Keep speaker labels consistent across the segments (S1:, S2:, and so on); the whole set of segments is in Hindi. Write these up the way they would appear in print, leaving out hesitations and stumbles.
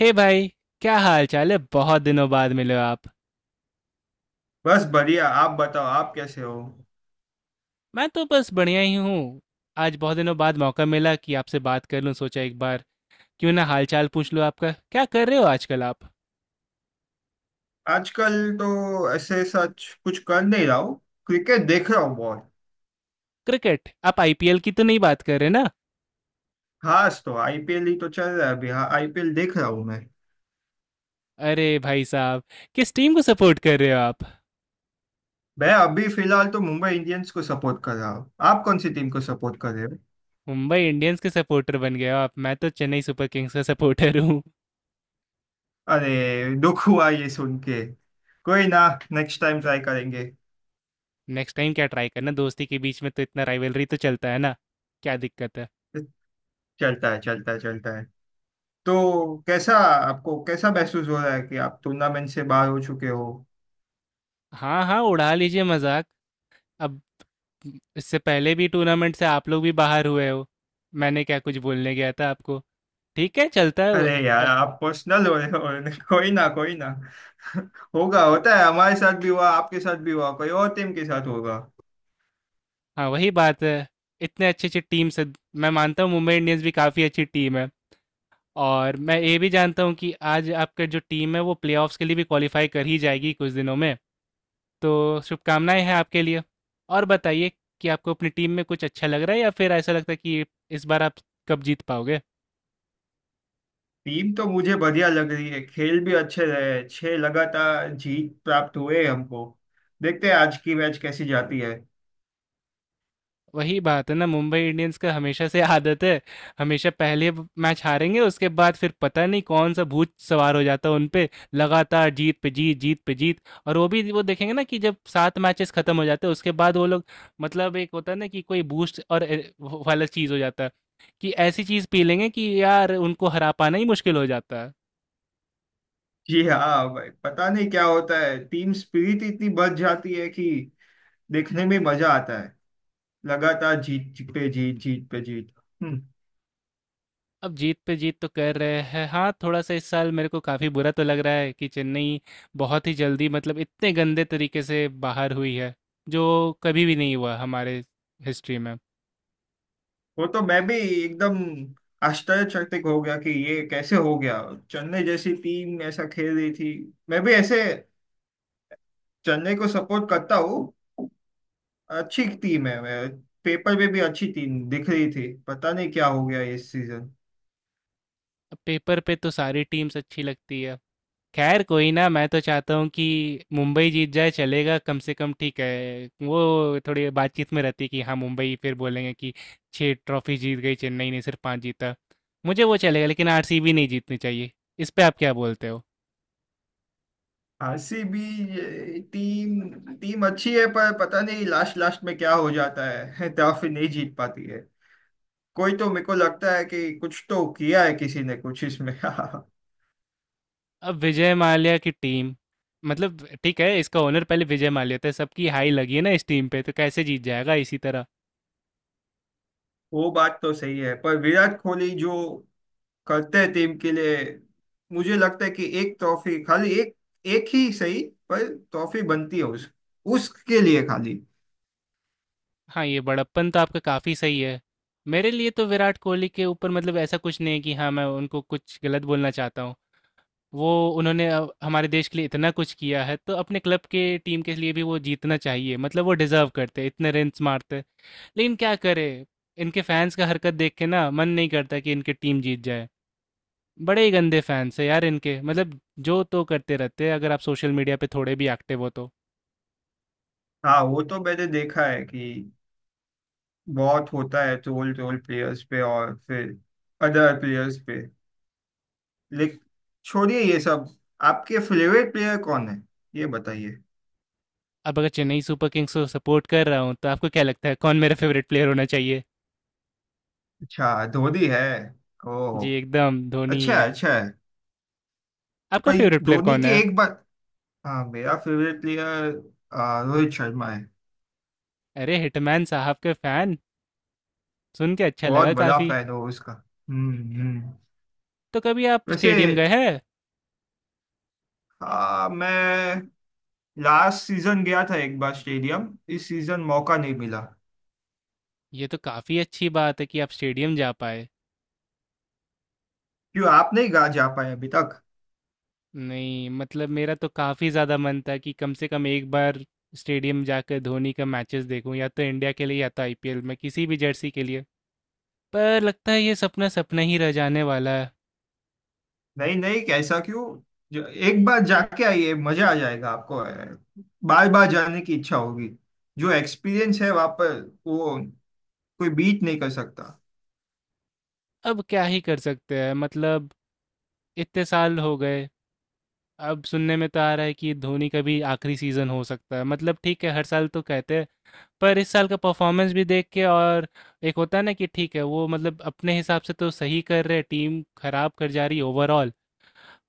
S1: हे hey भाई। क्या हाल चाल है? बहुत दिनों बाद मिले हो आप।
S2: बस बढ़िया। आप बताओ आप कैसे हो।
S1: मैं तो बस बढ़िया ही हूँ। आज बहुत दिनों बाद मौका मिला कि आपसे बात कर लूँ, सोचा एक बार क्यों ना हाल चाल पूछ लूँ आपका। क्या कर रहे हो आजकल आप?
S2: आजकल तो ऐसे सच कुछ कर नहीं रहा हूँ। क्रिकेट देख रहा हूँ बहुत।
S1: क्रिकेट, आप आईपीएल की तो नहीं बात कर रहे ना?
S2: खास तो आईपीएल ही तो चल रहा है अभी। हाँ, आईपीएल देख रहा हूँ। मैं
S1: अरे भाई साहब, किस टीम को सपोर्ट कर रहे हो आप?
S2: मैं अभी फिलहाल तो मुंबई इंडियंस को सपोर्ट कर रहा हूँ। आप कौन सी टीम को सपोर्ट कर रहे हो?
S1: मुंबई इंडियंस के सपोर्टर बन गए हो आप? मैं तो चेन्नई सुपर किंग्स का सपोर्टर हूँ।
S2: अरे दुख हुआ ये सुन के। कोई ना, नेक्स्ट टाइम ट्राई करेंगे।
S1: नेक्स्ट टाइम क्या ट्राई करना, दोस्ती के बीच में तो इतना राइवलरी तो चलता है ना। क्या दिक्कत है?
S2: चलता है, चलता है, चलता है। तो कैसा, आपको कैसा महसूस हो रहा है कि आप टूर्नामेंट से बाहर हो चुके हो?
S1: हाँ हाँ, उड़ा लीजिए मजाक। अब इससे पहले भी टूर्नामेंट से आप लोग भी बाहर हुए हो, मैंने क्या कुछ बोलने गया था आपको? ठीक है, चलता है।
S2: अरे यार
S1: अ,
S2: आप पर्सनल हो रहे हो। कोई ना, कोई ना। होगा, होता है। हमारे साथ भी हुआ, आपके साथ भी हुआ, कोई और टीम के साथ होगा।
S1: हाँ वही बात है। इतने अच्छे अच्छे टीम से, मैं मानता हूँ मुंबई इंडियंस भी काफ़ी अच्छी टीम है। और मैं ये भी जानता हूँ कि आज आपका जो टीम है वो प्लेऑफ्स के लिए भी क्वालिफाई कर ही जाएगी कुछ दिनों में, तो शुभकामनाएं हैं आपके लिए। और बताइए कि आपको अपनी टीम में कुछ अच्छा लग रहा है या फिर ऐसा लगता है कि इस बार आप कब जीत पाओगे?
S2: टीम तो मुझे बढ़िया लग रही है, खेल भी अच्छे रहे। छह लगातार जीत प्राप्त हुए हमको। देखते हैं आज की मैच कैसी जाती है।
S1: वही बात है ना, मुंबई इंडियंस का हमेशा से आदत है। हमेशा पहले मैच हारेंगे, उसके बाद फिर पता नहीं कौन सा भूत सवार हो जाता है उन पे, लगातार जीत पे जीत जीत पे जीत। और वो भी, वो देखेंगे ना कि जब सात मैचेस खत्म हो जाते हैं उसके बाद वो लोग, मतलब एक होता है ना कि कोई बूस्ट और वो वाला चीज हो जाता है, कि ऐसी चीज पी लेंगे कि यार उनको हरा पाना ही मुश्किल हो जाता है।
S2: जी हाँ भाई, पता नहीं क्या होता है। टीम स्पिरिट इतनी बढ़ जाती है कि देखने में मजा आता है। लगातार जीत पे जीत, जीत पे जीत। हम्म।
S1: अब जीत पे जीत तो कर रहे हैं हाँ थोड़ा सा। इस साल मेरे को काफ़ी बुरा तो लग रहा है कि चेन्नई बहुत ही जल्दी, मतलब इतने गंदे तरीके से बाहर हुई है जो कभी भी नहीं हुआ हमारे हिस्ट्री में।
S2: वो तो मैं भी एकदम आश्चर्यचकित हो गया कि ये कैसे हो गया। चेन्नई जैसी टीम ऐसा खेल रही थी। मैं भी ऐसे चेन्नई को सपोर्ट करता हूँ। अच्छी टीम है। मैं पेपर में भी अच्छी टीम दिख रही थी। पता नहीं क्या हो गया इस सीजन।
S1: अब पेपर पे तो सारी टीम्स अच्छी लगती है। खैर, कोई ना, मैं तो चाहता हूँ कि मुंबई जीत जाए, चलेगा कम से कम। ठीक है, वो थोड़ी बातचीत में रहती है कि हाँ मुंबई, फिर बोलेंगे कि छः ट्रॉफी जीत गई, चेन्नई ने सिर्फ पाँच जीता। मुझे वो चलेगा, लेकिन आरसीबी नहीं जीतनी चाहिए। इस पे आप क्या बोलते हो?
S2: आरसीबी टीम टीम अच्छी है, पर पता नहीं लास्ट लास्ट में क्या हो जाता है। ट्रॉफी नहीं जीत पाती है। कोई, तो मेरे को लगता है कि कुछ तो किया है किसी ने कुछ इसमें।
S1: अब विजय माल्या की टीम, मतलब ठीक है, इसका ओनर पहले विजय माल्या था, सबकी हाई लगी है ना इस टीम पे, तो कैसे जीत जाएगा इसी तरह।
S2: वो बात तो सही है, पर विराट कोहली जो करते हैं टीम के लिए, मुझे लगता है कि एक ट्रॉफी, खाली एक, एक ही सही, पर ट्रॉफी बनती है उस उसके लिए खाली।
S1: हाँ, ये बड़प्पन तो आपका काफ़ी सही है। मेरे लिए तो विराट कोहली के ऊपर मतलब ऐसा कुछ नहीं है कि हाँ मैं उनको कुछ गलत बोलना चाहता हूँ। वो, उन्होंने अब हमारे देश के लिए इतना कुछ किया है तो अपने क्लब के, टीम के लिए भी वो जीतना चाहिए, मतलब वो डिजर्व करते, इतने रन मारते। लेकिन क्या करे, इनके फैंस का हरकत देख के ना मन नहीं करता कि इनकी टीम जीत जाए। बड़े ही गंदे फैंस है यार इनके, मतलब जो तो करते रहते हैं अगर आप सोशल मीडिया पे थोड़े भी एक्टिव हो तो।
S2: हाँ, वो तो मैंने देखा है कि बहुत होता है। ट्रोल, ट्रोल प्लेयर्स पे और फिर अदर प्लेयर्स पे। लेकिन छोड़िए ये सब। आपके फेवरेट प्लेयर कौन है, ये बताइए?
S1: अब अगर चेन्नई सुपर किंग्स को सपोर्ट कर रहा हूँ तो आपको क्या लगता है कौन मेरा फेवरेट प्लेयर होना चाहिए?
S2: अच्छा, धोनी है।
S1: जी,
S2: ओह,
S1: एकदम धोनी ही
S2: अच्छा
S1: है।
S2: है, अच्छा है।
S1: आपका
S2: पर
S1: फेवरेट प्लेयर
S2: धोनी
S1: कौन
S2: की
S1: है?
S2: एक बात। हाँ, मेरा फेवरेट प्लेयर रोहित शर्मा है।
S1: अरे हिटमैन साहब के फैन, सुन के अच्छा
S2: बहुत
S1: लगा
S2: बड़ा
S1: काफ़ी।
S2: फैन हो उसका। हम्म,
S1: तो कभी आप
S2: वैसे
S1: स्टेडियम गए हैं?
S2: हाँ, मैं लास्ट सीजन गया था एक बार स्टेडियम। इस सीजन मौका नहीं मिला।
S1: ये तो काफ़ी अच्छी बात है कि आप स्टेडियम जा पाए।
S2: क्यों, आप नहीं गा जा पाए अभी तक?
S1: नहीं, मतलब मेरा तो काफ़ी ज़्यादा मन था कि कम से कम एक बार स्टेडियम जाकर धोनी का मैचेस देखूं, या तो इंडिया के लिए या तो आईपीएल में किसी भी जर्सी के लिए। पर लगता है ये सपना सपना ही रह जाने वाला है।
S2: नहीं नहीं, कैसा क्यों। एक बार जाके आइए, मजा आ जाएगा आपको। बार बार जाने की इच्छा होगी। जो एक्सपीरियंस है वहां पर, वो कोई बीट नहीं कर सकता।
S1: अब क्या ही कर सकते हैं, मतलब इतने साल हो गए। अब सुनने में तो आ रहा है कि धोनी का भी आखिरी सीज़न हो सकता है, मतलब ठीक है हर साल तो कहते हैं, पर इस साल का परफॉर्मेंस भी देख के। और एक होता है ना कि ठीक है वो मतलब अपने हिसाब से तो सही कर रहे, टीम खराब कर जा रही ओवरऑल।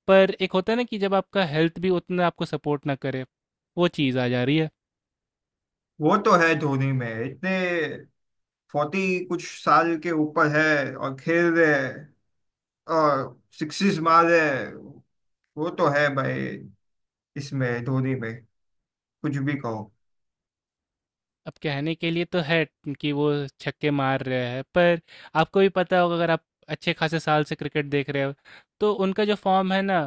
S1: पर एक होता है ना कि जब आपका हेल्थ भी उतना आपको सपोर्ट ना करे, वो चीज़ आ जा रही है।
S2: वो तो है, धोनी में इतने 40 कुछ साल के ऊपर है और खेल रहे हैं और सिक्सिस मारे। वो तो है भाई, इसमें धोनी में कुछ भी कहो।
S1: अब कहने के लिए तो है कि वो छक्के मार रहे हैं, पर आपको भी पता होगा, अगर आप अच्छे खासे साल से क्रिकेट देख रहे हो, तो उनका जो फॉर्म है ना,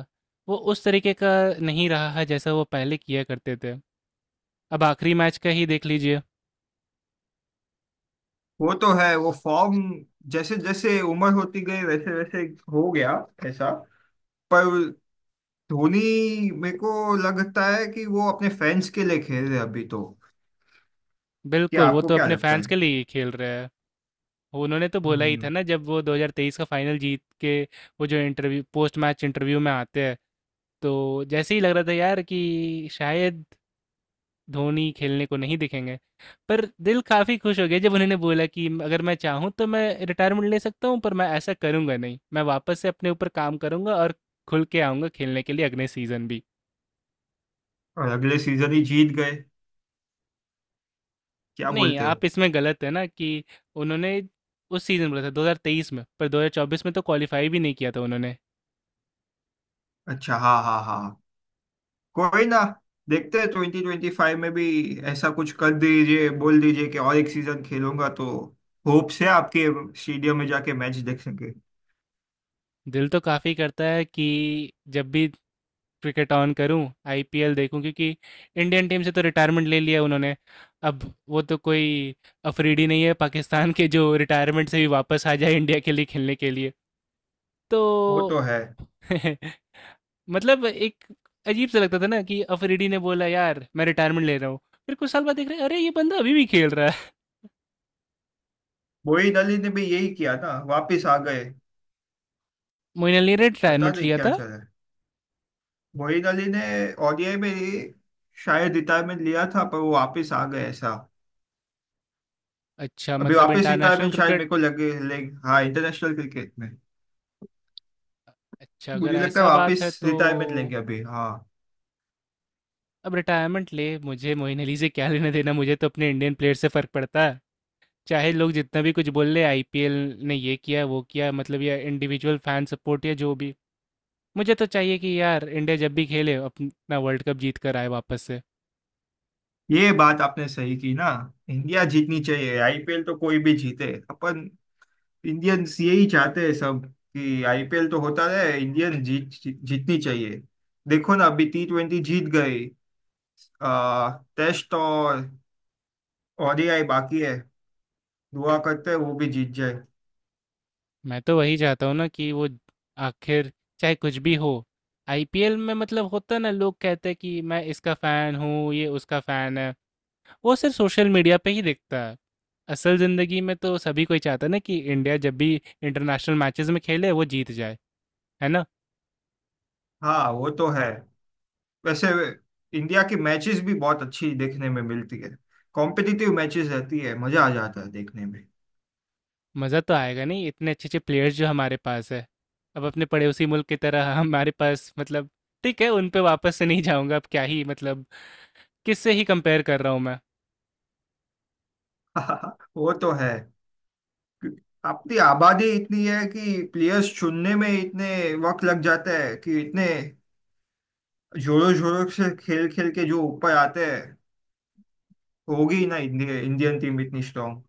S1: वो उस तरीके का नहीं रहा है जैसा वो पहले किया करते थे। अब आखिरी मैच का ही देख लीजिए।
S2: वो तो है वो फॉर्म, जैसे जैसे उम्र होती गई वैसे वैसे हो गया ऐसा। पर धोनी, मेरे को लगता है कि वो अपने फैंस के लिए खेल रहे अभी तो। क्या
S1: बिल्कुल, वो
S2: आपको
S1: तो
S2: क्या
S1: अपने
S2: लगता
S1: फैंस
S2: है?
S1: के लिए ही खेल रहे हैं। वो उन्होंने तो बोला ही
S2: हम्म।
S1: था ना, जब वो 2023 का फाइनल जीत के, वो जो इंटरव्यू, पोस्ट मैच इंटरव्यू में आते हैं, तो जैसे ही लग रहा था यार कि शायद धोनी खेलने को नहीं दिखेंगे। पर दिल काफ़ी खुश हो गया जब उन्होंने बोला कि अगर मैं चाहूँ तो मैं रिटायरमेंट ले सकता हूँ, पर मैं ऐसा करूँगा नहीं, मैं वापस से अपने ऊपर काम करूँगा और खुल के आऊँगा खेलने के लिए अगले सीज़न भी।
S2: और अगले सीजन ही जीत गए, क्या
S1: नहीं,
S2: बोलते
S1: आप
S2: हो?
S1: इसमें गलत है ना, कि उन्होंने उस सीज़न बोला था 2023 में, पर 2024 में तो क्वालिफाई भी नहीं किया था उन्होंने।
S2: अच्छा, हाँ हाँ हाँ। कोई ना, देखते हैं 2025 में भी ऐसा कुछ कर दीजिए। बोल दीजिए कि और एक सीजन खेलूंगा, तो होप से आपके स्टेडियम में जाके मैच देखेंगे।
S1: दिल तो काफ़ी करता है कि जब भी क्रिकेट ऑन करूं आईपीएल देखूं, क्योंकि इंडियन टीम से तो रिटायरमेंट ले लिया उन्होंने। अब वो तो कोई अफरीदी नहीं है पाकिस्तान के जो रिटायरमेंट से भी वापस आ जाए इंडिया के लिए खेलने के लिए। तो
S2: वो तो है।
S1: मतलब एक अजीब सा लगता था ना कि अफरीदी ने बोला यार मैं रिटायरमेंट ले रहा हूँ, फिर कुछ साल बाद देख रहे हैं, अरे ये बंदा अभी भी खेल रहा है।
S2: मोइन अली ने भी यही किया ना, वापस आ गए।
S1: मोइन अली ने
S2: पता
S1: रिटायरमेंट
S2: नहीं
S1: लिया
S2: क्या
S1: था।
S2: चला है। मोइन अली ने ओडीआई में ही शायद रिटायरमेंट लिया था, पर वो वापस आ गए ऐसा।
S1: अच्छा,
S2: अभी
S1: मतलब
S2: वापस
S1: इंटरनेशनल
S2: रिटायरमेंट शायद
S1: क्रिकेट।
S2: मेरे को लगे ले। हाँ, इंटरनेशनल क्रिकेट में
S1: अच्छा, अगर
S2: मुझे लगता है
S1: ऐसा बात है
S2: वापस
S1: तो
S2: रिटायरमेंट लेंगे अभी, हाँ।
S1: अब रिटायरमेंट ले, मुझे मोइन अली से क्या लेना देना, मुझे तो अपने इंडियन प्लेयर से फ़र्क पड़ता है। चाहे लोग जितना भी कुछ बोल ले आईपीएल ने ये किया वो किया, मतलब या इंडिविजुअल फैन सपोर्ट या जो भी, मुझे तो चाहिए कि यार इंडिया जब भी खेले अपना वर्ल्ड कप जीत कर आए वापस से।
S2: ये बात आपने सही की ना। इंडिया जीतनी चाहिए, आईपीएल तो कोई भी जीते अपन। इंडियंस यही चाहते हैं सब, कि आईपीएल तो होता रहे, इंडियन जीत जीतनी चाहिए। देखो ना, अभी T20 जीत गई। आ, टेस्ट और ओडीआई बाकी है। दुआ करते हैं वो भी जीत जाए।
S1: मैं तो वही चाहता हूँ ना कि वो, आखिर चाहे कुछ भी हो, आईपीएल में मतलब होता ना, लोग कहते हैं कि मैं इसका फ़ैन हूँ, ये उसका फ़ैन है, वो सिर्फ सोशल मीडिया पे ही दिखता है। असल ज़िंदगी में तो सभी कोई चाहता है ना कि इंडिया जब भी इंटरनेशनल मैचेस में खेले वो जीत जाए, है ना।
S2: हाँ, वो तो है। वैसे इंडिया की मैचेस भी बहुत अच्छी देखने में मिलती है। कॉम्पिटिटिव मैचेस रहती है, मजा आ जाता है देखने में।
S1: मज़ा तो आएगा नहीं, इतने अच्छे अच्छे प्लेयर्स जो हमारे पास है। अब अपने पड़ोसी मुल्क की तरह हमारे पास, मतलब ठीक है, उन पे वापस से नहीं जाऊंगा, अब क्या ही, मतलब किससे ही कंपेयर कर रहा हूँ मैं।
S2: वो तो है। अपनी आबादी इतनी है कि प्लेयर्स चुनने में इतने वक्त लग जाता है, कि इतने जोरों जोरों से खेल खेल के जो ऊपर आते हैं, होगी ही ना इंडिया इंडियन टीम इतनी स्ट्रांग।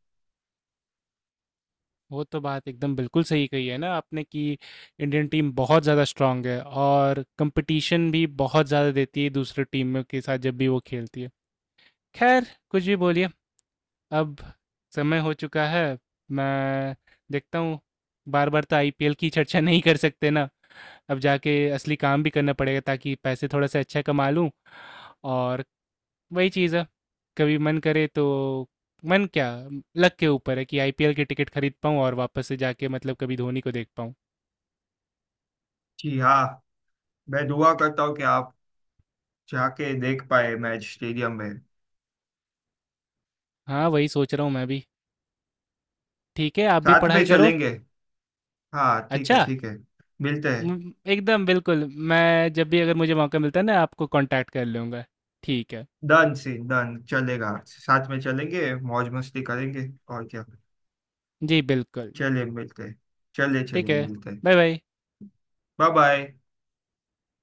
S1: वो तो बात एकदम बिल्कुल सही कही है ना आपने कि इंडियन टीम बहुत ज़्यादा स्ट्रांग है और कंपटीशन भी बहुत ज़्यादा देती है दूसरे टीमों के साथ जब भी वो खेलती है। खैर, कुछ भी बोलिए, अब समय हो चुका है। मैं देखता हूँ, बार-बार तो आईपीएल की चर्चा नहीं कर सकते ना। अब जाके असली काम भी करना पड़ेगा ताकि पैसे थोड़ा-सा अच्छा कमा लूँ। और वही चीज़ है, कभी मन करे तो, मन क्या, लक के ऊपर है कि आईपीएल की टिकट खरीद पाऊँ और वापस से जाके मतलब कभी धोनी को देख पाऊँ।
S2: जी हाँ, मैं दुआ करता हूँ कि आप जाके देख पाए मैच स्टेडियम में।
S1: हाँ, वही सोच रहा हूँ मैं भी। ठीक है, आप भी
S2: साथ में
S1: पढ़ाई करो।
S2: चलेंगे। हाँ ठीक
S1: अच्छा,
S2: है, ठीक है। मिलते हैं।
S1: एकदम बिल्कुल। मैं जब भी, अगर मुझे मौका मिलता है ना, आपको कॉन्टैक्ट कर लूँगा। ठीक है।
S2: डन सी डन, चलेगा साथ में चलेंगे, मौज मस्ती करेंगे और क्या।
S1: जी, बिल्कुल।
S2: चलिए, मिलते हैं। चलिए,
S1: ठीक
S2: चलिए
S1: है।
S2: मिलते हैं।
S1: Bye bye.
S2: Bye bye.